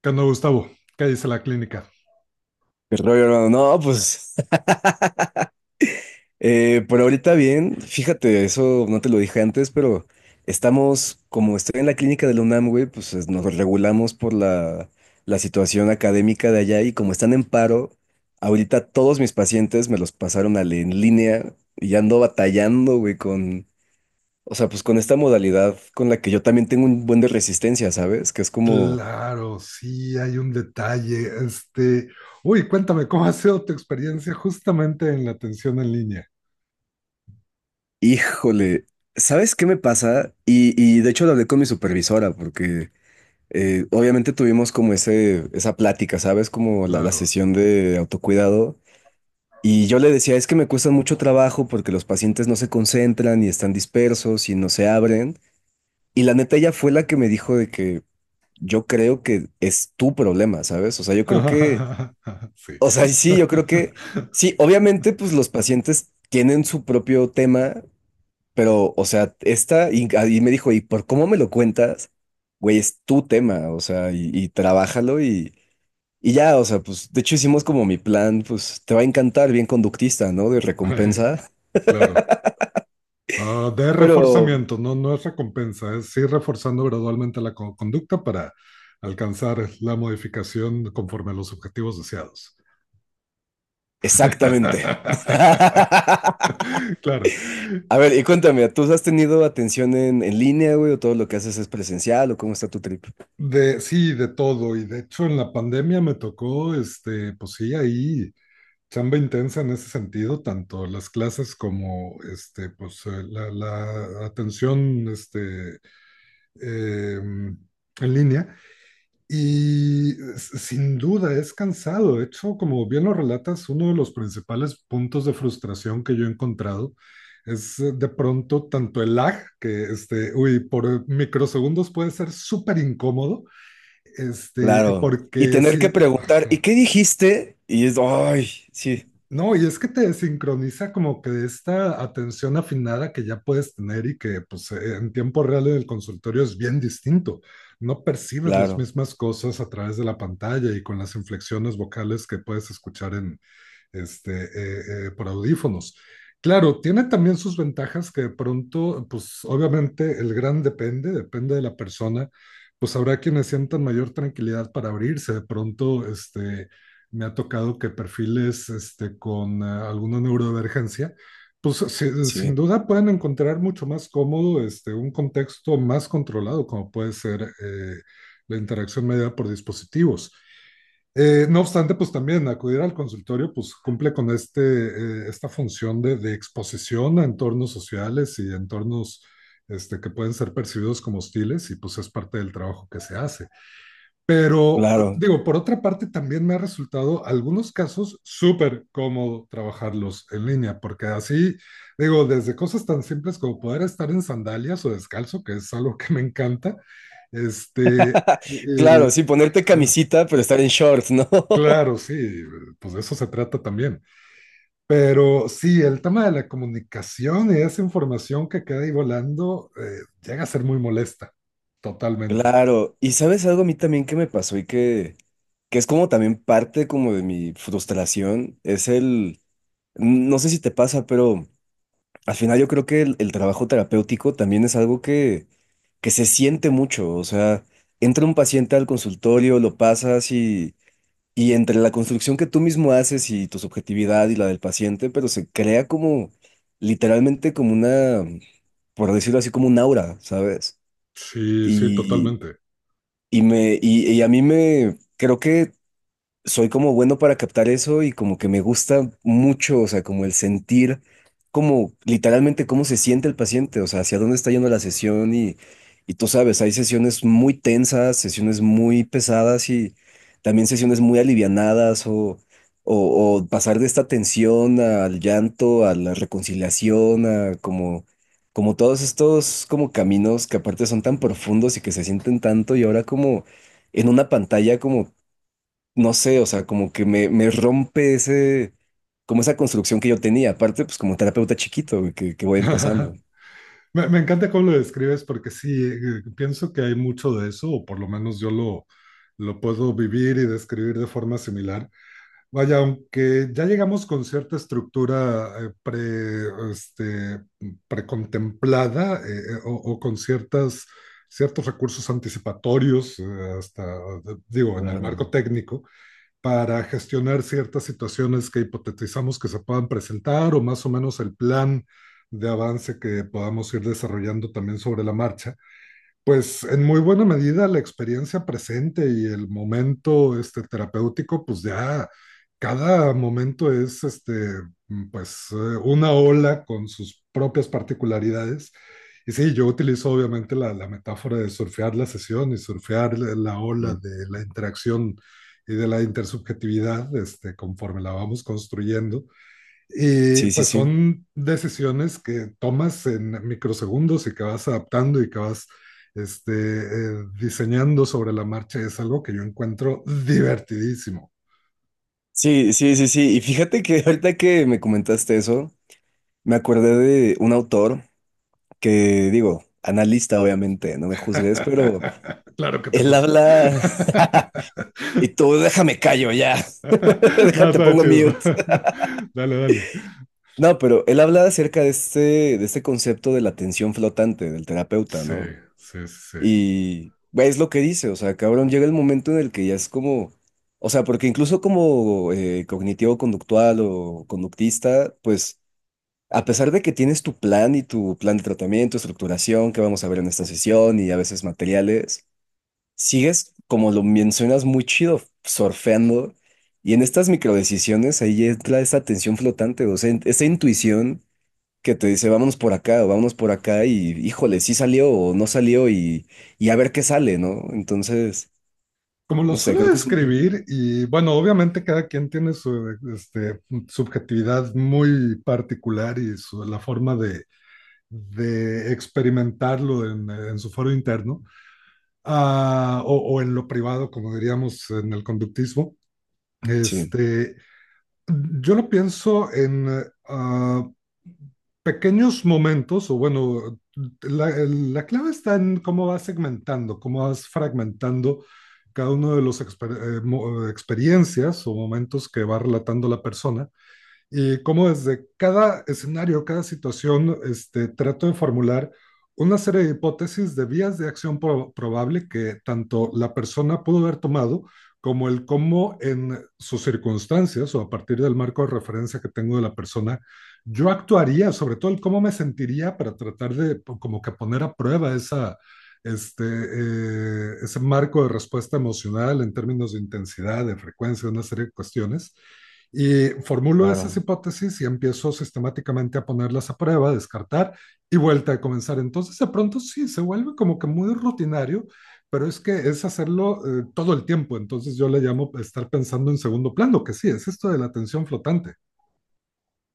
¿Qué onda, Gustavo? ¿Qué dice la clínica? ¿Qué rollo, hermano? No, pues por ahorita bien, fíjate, eso no te lo dije antes, pero estamos, como estoy en la clínica de la UNAM, güey, pues nos regulamos por la situación académica de allá y como están en paro, ahorita todos mis pacientes me los pasaron al en línea y ya ando batallando, güey, con, o sea, pues con esta modalidad con la que yo también tengo un buen de resistencia, ¿sabes? Que es como, Claro, sí, hay un detalle. Uy, cuéntame, ¿cómo ha sido tu experiencia justamente en la atención en línea? híjole, ¿sabes qué me pasa? Y de hecho lo hablé con mi supervisora porque... obviamente tuvimos como esa plática, ¿sabes? Como la Claro. sesión de autocuidado. Y yo le decía, es que me cuesta mucho trabajo porque los pacientes no se concentran y están dispersos y no se abren. Y la neta ella fue la que me dijo de que yo creo que es tu problema, ¿sabes? O sea, yo creo que, Sí. o sea, sí, yo creo que, sí, obviamente pues los pacientes tienen su propio tema, pero, o sea, esta, y me dijo, ¿y por cómo me lo cuentas? Güey, es tu tema, o sea, y trabájalo y... Y ya, o sea, pues de hecho hicimos como mi plan, pues te va a encantar, bien conductista, ¿no? De recompensa, Claro. Ah, de pero reforzamiento, no, no es recompensa, es ir reforzando gradualmente conducta para alcanzar la modificación conforme a los objetivos deseados. exactamente. Claro. A ver, y cuéntame, ¿tú has tenido atención en línea, güey, o todo lo que haces es presencial, o cómo está tu trip? Sí, de todo. Y de hecho, en la pandemia me tocó, pues sí, ahí. Chamba intensa en ese sentido, tanto las clases como la atención, en línea. Y sin duda es cansado. De hecho, como bien lo relatas, uno de los principales puntos de frustración que yo he encontrado es, de pronto tanto el lag, que, uy, por microsegundos puede ser súper incómodo. Claro. Y Porque tener si. que preguntar, ¿y qué dijiste? Y es, ay, sí, No, y es que te sincroniza como que de esta atención afinada que ya puedes tener y que pues, en tiempo real en el consultorio es bien distinto. No percibes las claro, mismas cosas a través de la pantalla y con las inflexiones vocales que puedes escuchar en, por audífonos. Claro, tiene también sus ventajas que de pronto, pues obviamente el gran depende, depende de la persona. Pues habrá quienes sientan mayor tranquilidad para abrirse de pronto, me ha tocado que perfiles, con alguna neurodivergencia, pues sin sí, duda pueden encontrar mucho más cómodo, un contexto más controlado, como puede ser, la interacción mediada por dispositivos. No obstante, pues también acudir al consultorio pues cumple con esta función de exposición a entornos sociales y entornos, que pueden ser percibidos como hostiles, y pues es parte del trabajo que se hace. Pero claro. digo, por otra parte, también me ha resultado algunos casos súper cómodo trabajarlos en línea, porque así, digo, desde cosas tan simples como poder estar en sandalias o descalzo, que es algo que me encanta, este, y- Claro, sí, ponerte ah, camisita, pero estar en shorts, ¿no? claro, sí, pues de eso se trata también. Pero sí, el tema de la comunicación y esa información que queda ahí volando, llega a ser muy molesta, totalmente. Claro, y sabes algo a mí también que me pasó y que es como también parte como de mi frustración, es el, no sé si te pasa, pero al final yo creo que el trabajo terapéutico también es algo que se siente mucho, o sea, entra un paciente al consultorio, lo pasas y entre la construcción que tú mismo haces y tu subjetividad y la del paciente, pero se crea como literalmente como una, por decirlo así, como un aura, ¿sabes? Sí, sí, y totalmente. y me, y a mí me, creo que soy como bueno para captar eso y como que me gusta mucho, o sea, como el sentir, como literalmente cómo se siente el paciente, o sea, hacia dónde está yendo la sesión y tú sabes, hay sesiones muy tensas, sesiones muy pesadas y también sesiones muy alivianadas o, o pasar de esta tensión al llanto, a la reconciliación, a como... Como todos estos como caminos que aparte son tan profundos y que se sienten tanto y ahora como en una pantalla como no sé, o sea, como que me rompe ese, como esa construcción que yo tenía. Aparte, pues como terapeuta chiquito güey, que voy empezando. Me encanta cómo lo describes porque sí, pienso que hay mucho de eso, o por lo menos yo lo puedo vivir y describir de forma similar. Vaya, aunque ya llegamos con cierta estructura, este, precontemplada, o con ciertos recursos anticipatorios, hasta, digo, en el Claro. marco técnico para gestionar ciertas situaciones que hipotetizamos que se puedan presentar o más o menos el plan de avance que podamos ir desarrollando también sobre la marcha. Pues en muy buena medida la experiencia presente y el momento, terapéutico, pues ya cada momento es, mm, pues eh, una ola con sus propias particularidades. Y sí, yo utilizo obviamente la metáfora de surfear la sesión y surfear la ola de la interacción y de la intersubjetividad, conforme la vamos construyendo. Y Sí, sí, pues sí. son decisiones que tomas en microsegundos y que vas adaptando y que vas, diseñando sobre la marcha. Es algo que yo encuentro divertidísimo. Sí, sí, sí, sí. Sí. Y fíjate que ahorita que me comentaste eso, me acordé de un autor que, digo, analista, obviamente, no me juzgues, pero Claro que te él juzgo. habla y tú déjame callo ya. No, Déjate, está pongo chido. mute. Dale, dale. No, pero él habla acerca de este concepto de la atención flotante del terapeuta, Sí, ¿no? sí, sí, sí. Y güey, es lo que dice, o sea, cabrón, llega el momento en el que ya es como, o sea, porque incluso como cognitivo-conductual o conductista, pues a pesar de que tienes tu plan y tu plan de tratamiento, estructuración, que vamos a ver en esta sesión y a veces materiales, sigues, como lo mencionas, muy chido, surfeando. Y en estas microdecisiones ahí entra esa tensión flotante, o sea, esa intuición que te dice, vámonos por acá o vámonos por acá y híjole, sí salió o no salió y a ver qué sale, ¿no? Entonces, Como lo no sé, suelo creo que es un... describir, y bueno, obviamente cada quien tiene su, subjetividad muy particular y su, la forma de experimentarlo en su foro interno, o, en lo privado, como diríamos en el conductismo. Sí, Este, yo lo pienso en, pequeños momentos, o bueno, la clave está en cómo vas segmentando, cómo vas fragmentando cada uno de las experiencias o momentos que va relatando la persona y cómo desde cada escenario, cada situación, trato de formular una serie de hipótesis de vías de acción probable que tanto la persona pudo haber tomado como el cómo en sus circunstancias o a partir del marco de referencia que tengo de la persona, yo actuaría, sobre todo el cómo me sentiría para tratar de como que poner a prueba ese marco de respuesta emocional en términos de intensidad, de frecuencia, una serie de cuestiones. Y formulo esas claro. hipótesis y empiezo sistemáticamente a ponerlas a prueba, descartar y vuelta a comenzar. Entonces, de pronto sí, se vuelve como que muy rutinario, pero es que es hacerlo, todo el tiempo. Entonces, yo le llamo estar pensando en segundo plano, que sí, es esto de la atención flotante.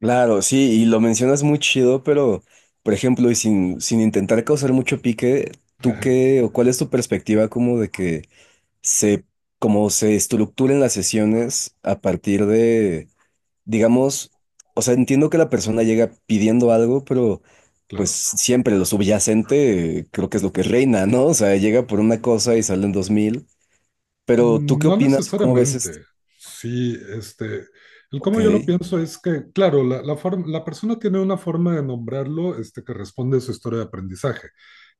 Claro, sí, y lo mencionas muy chido, pero, por ejemplo, y sin intentar causar mucho pique, ¿tú qué o cuál es tu perspectiva como de que se, como se estructuren las sesiones a partir de digamos, o sea, entiendo que la persona llega pidiendo algo, pero pues Claro. siempre lo subyacente creo que es lo que reina, ¿no? O sea, llega por una cosa y salen 2000. Pero ¿tú Mm, qué no opinas o cómo ves esto? necesariamente. Sí, el Ok, cómo yo lo pienso es que, claro, la persona tiene una forma de nombrarlo, que responde a su historia de aprendizaje,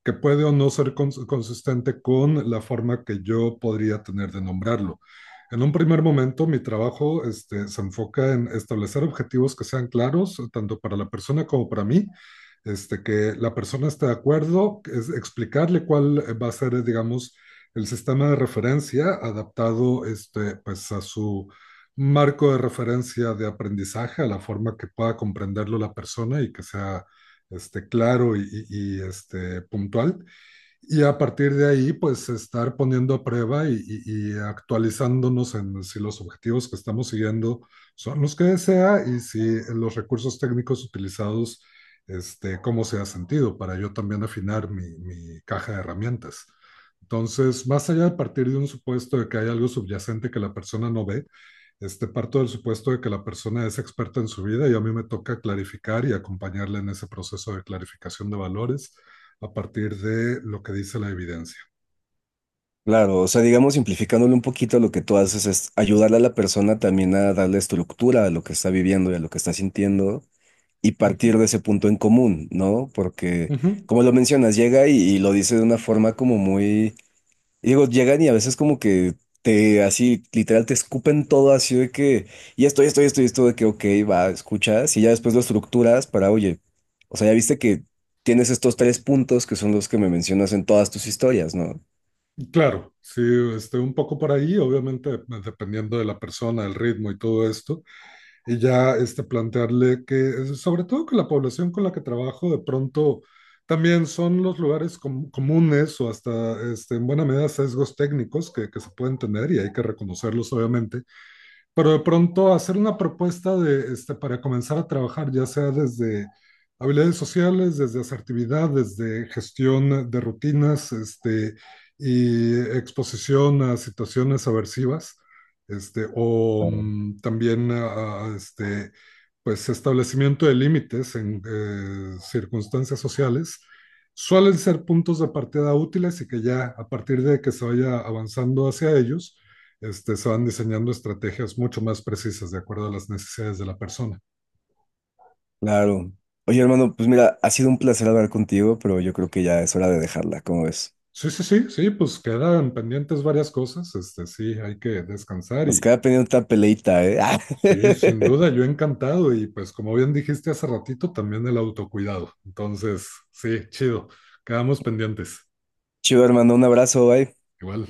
que puede o no ser consistente con la forma que yo podría tener de nombrarlo. En un primer momento, mi trabajo, se enfoca en establecer objetivos que sean claros, tanto para la persona como para mí, que la persona esté de acuerdo, es explicarle cuál va a ser, digamos, el sistema de referencia adaptado, pues, a su marco de referencia de aprendizaje, a la forma que pueda comprenderlo la persona y que sea, claro y, puntual, y a partir de ahí, pues estar poniendo a prueba y actualizándonos en si los objetivos que estamos siguiendo son los que desea y si los recursos técnicos utilizados, cómo se ha sentido para yo también afinar mi caja de herramientas. Entonces, más allá de partir de un supuesto de que hay algo subyacente que la persona no ve, parto del supuesto de que la persona es experta en su vida y a mí me toca clarificar y acompañarla en ese proceso de clarificación de valores a partir de lo que dice la evidencia. claro, o sea, digamos, simplificándole un poquito lo que tú haces es ayudarle a la persona también a darle estructura a lo que está viviendo y a lo que está sintiendo y Uh -huh. partir de ese punto en común, ¿no? Porque, Uh -huh. como lo mencionas, llega y lo dice de una forma como muy. Y digo, llegan y a veces como que te, así, literal, te escupen todo así de que, y esto, y esto, y esto, y esto, de que, ok, va, escuchas, y ya después lo estructuras para, oye, o sea, ya viste que tienes estos tres puntos que son los que me mencionas en todas tus historias, ¿no? Claro, sí, un poco por ahí, obviamente dependiendo de la persona, el ritmo y todo esto, y ya, plantearle que, sobre todo que la población con la que trabajo de pronto también son los lugares comunes o hasta, en buena medida, sesgos técnicos que se pueden tener y hay que reconocerlos obviamente. Pero de pronto hacer una propuesta de, para comenzar a trabajar, ya sea desde habilidades sociales, desde asertividad, desde gestión de rutinas, y exposición a situaciones aversivas, o Claro. También pues establecimiento de límites en, circunstancias sociales, suelen ser puntos de partida útiles y que ya a partir de que se vaya avanzando hacia ellos, se van diseñando estrategias mucho más precisas de acuerdo a las necesidades de la persona. Claro. Oye, hermano, pues mira, ha sido un placer hablar contigo, pero yo creo que ya es hora de dejarla, ¿cómo ves? Sí, sí, sí, sí, pues quedan pendientes varias cosas, sí, hay que descansar. Nos Y queda pendiente otra peleita, ¿eh? sí, sin duda, yo encantado, y pues como bien dijiste hace ratito, también el autocuidado. Entonces, sí, chido, quedamos pendientes. Chido, hermano, un abrazo, bye. Igual.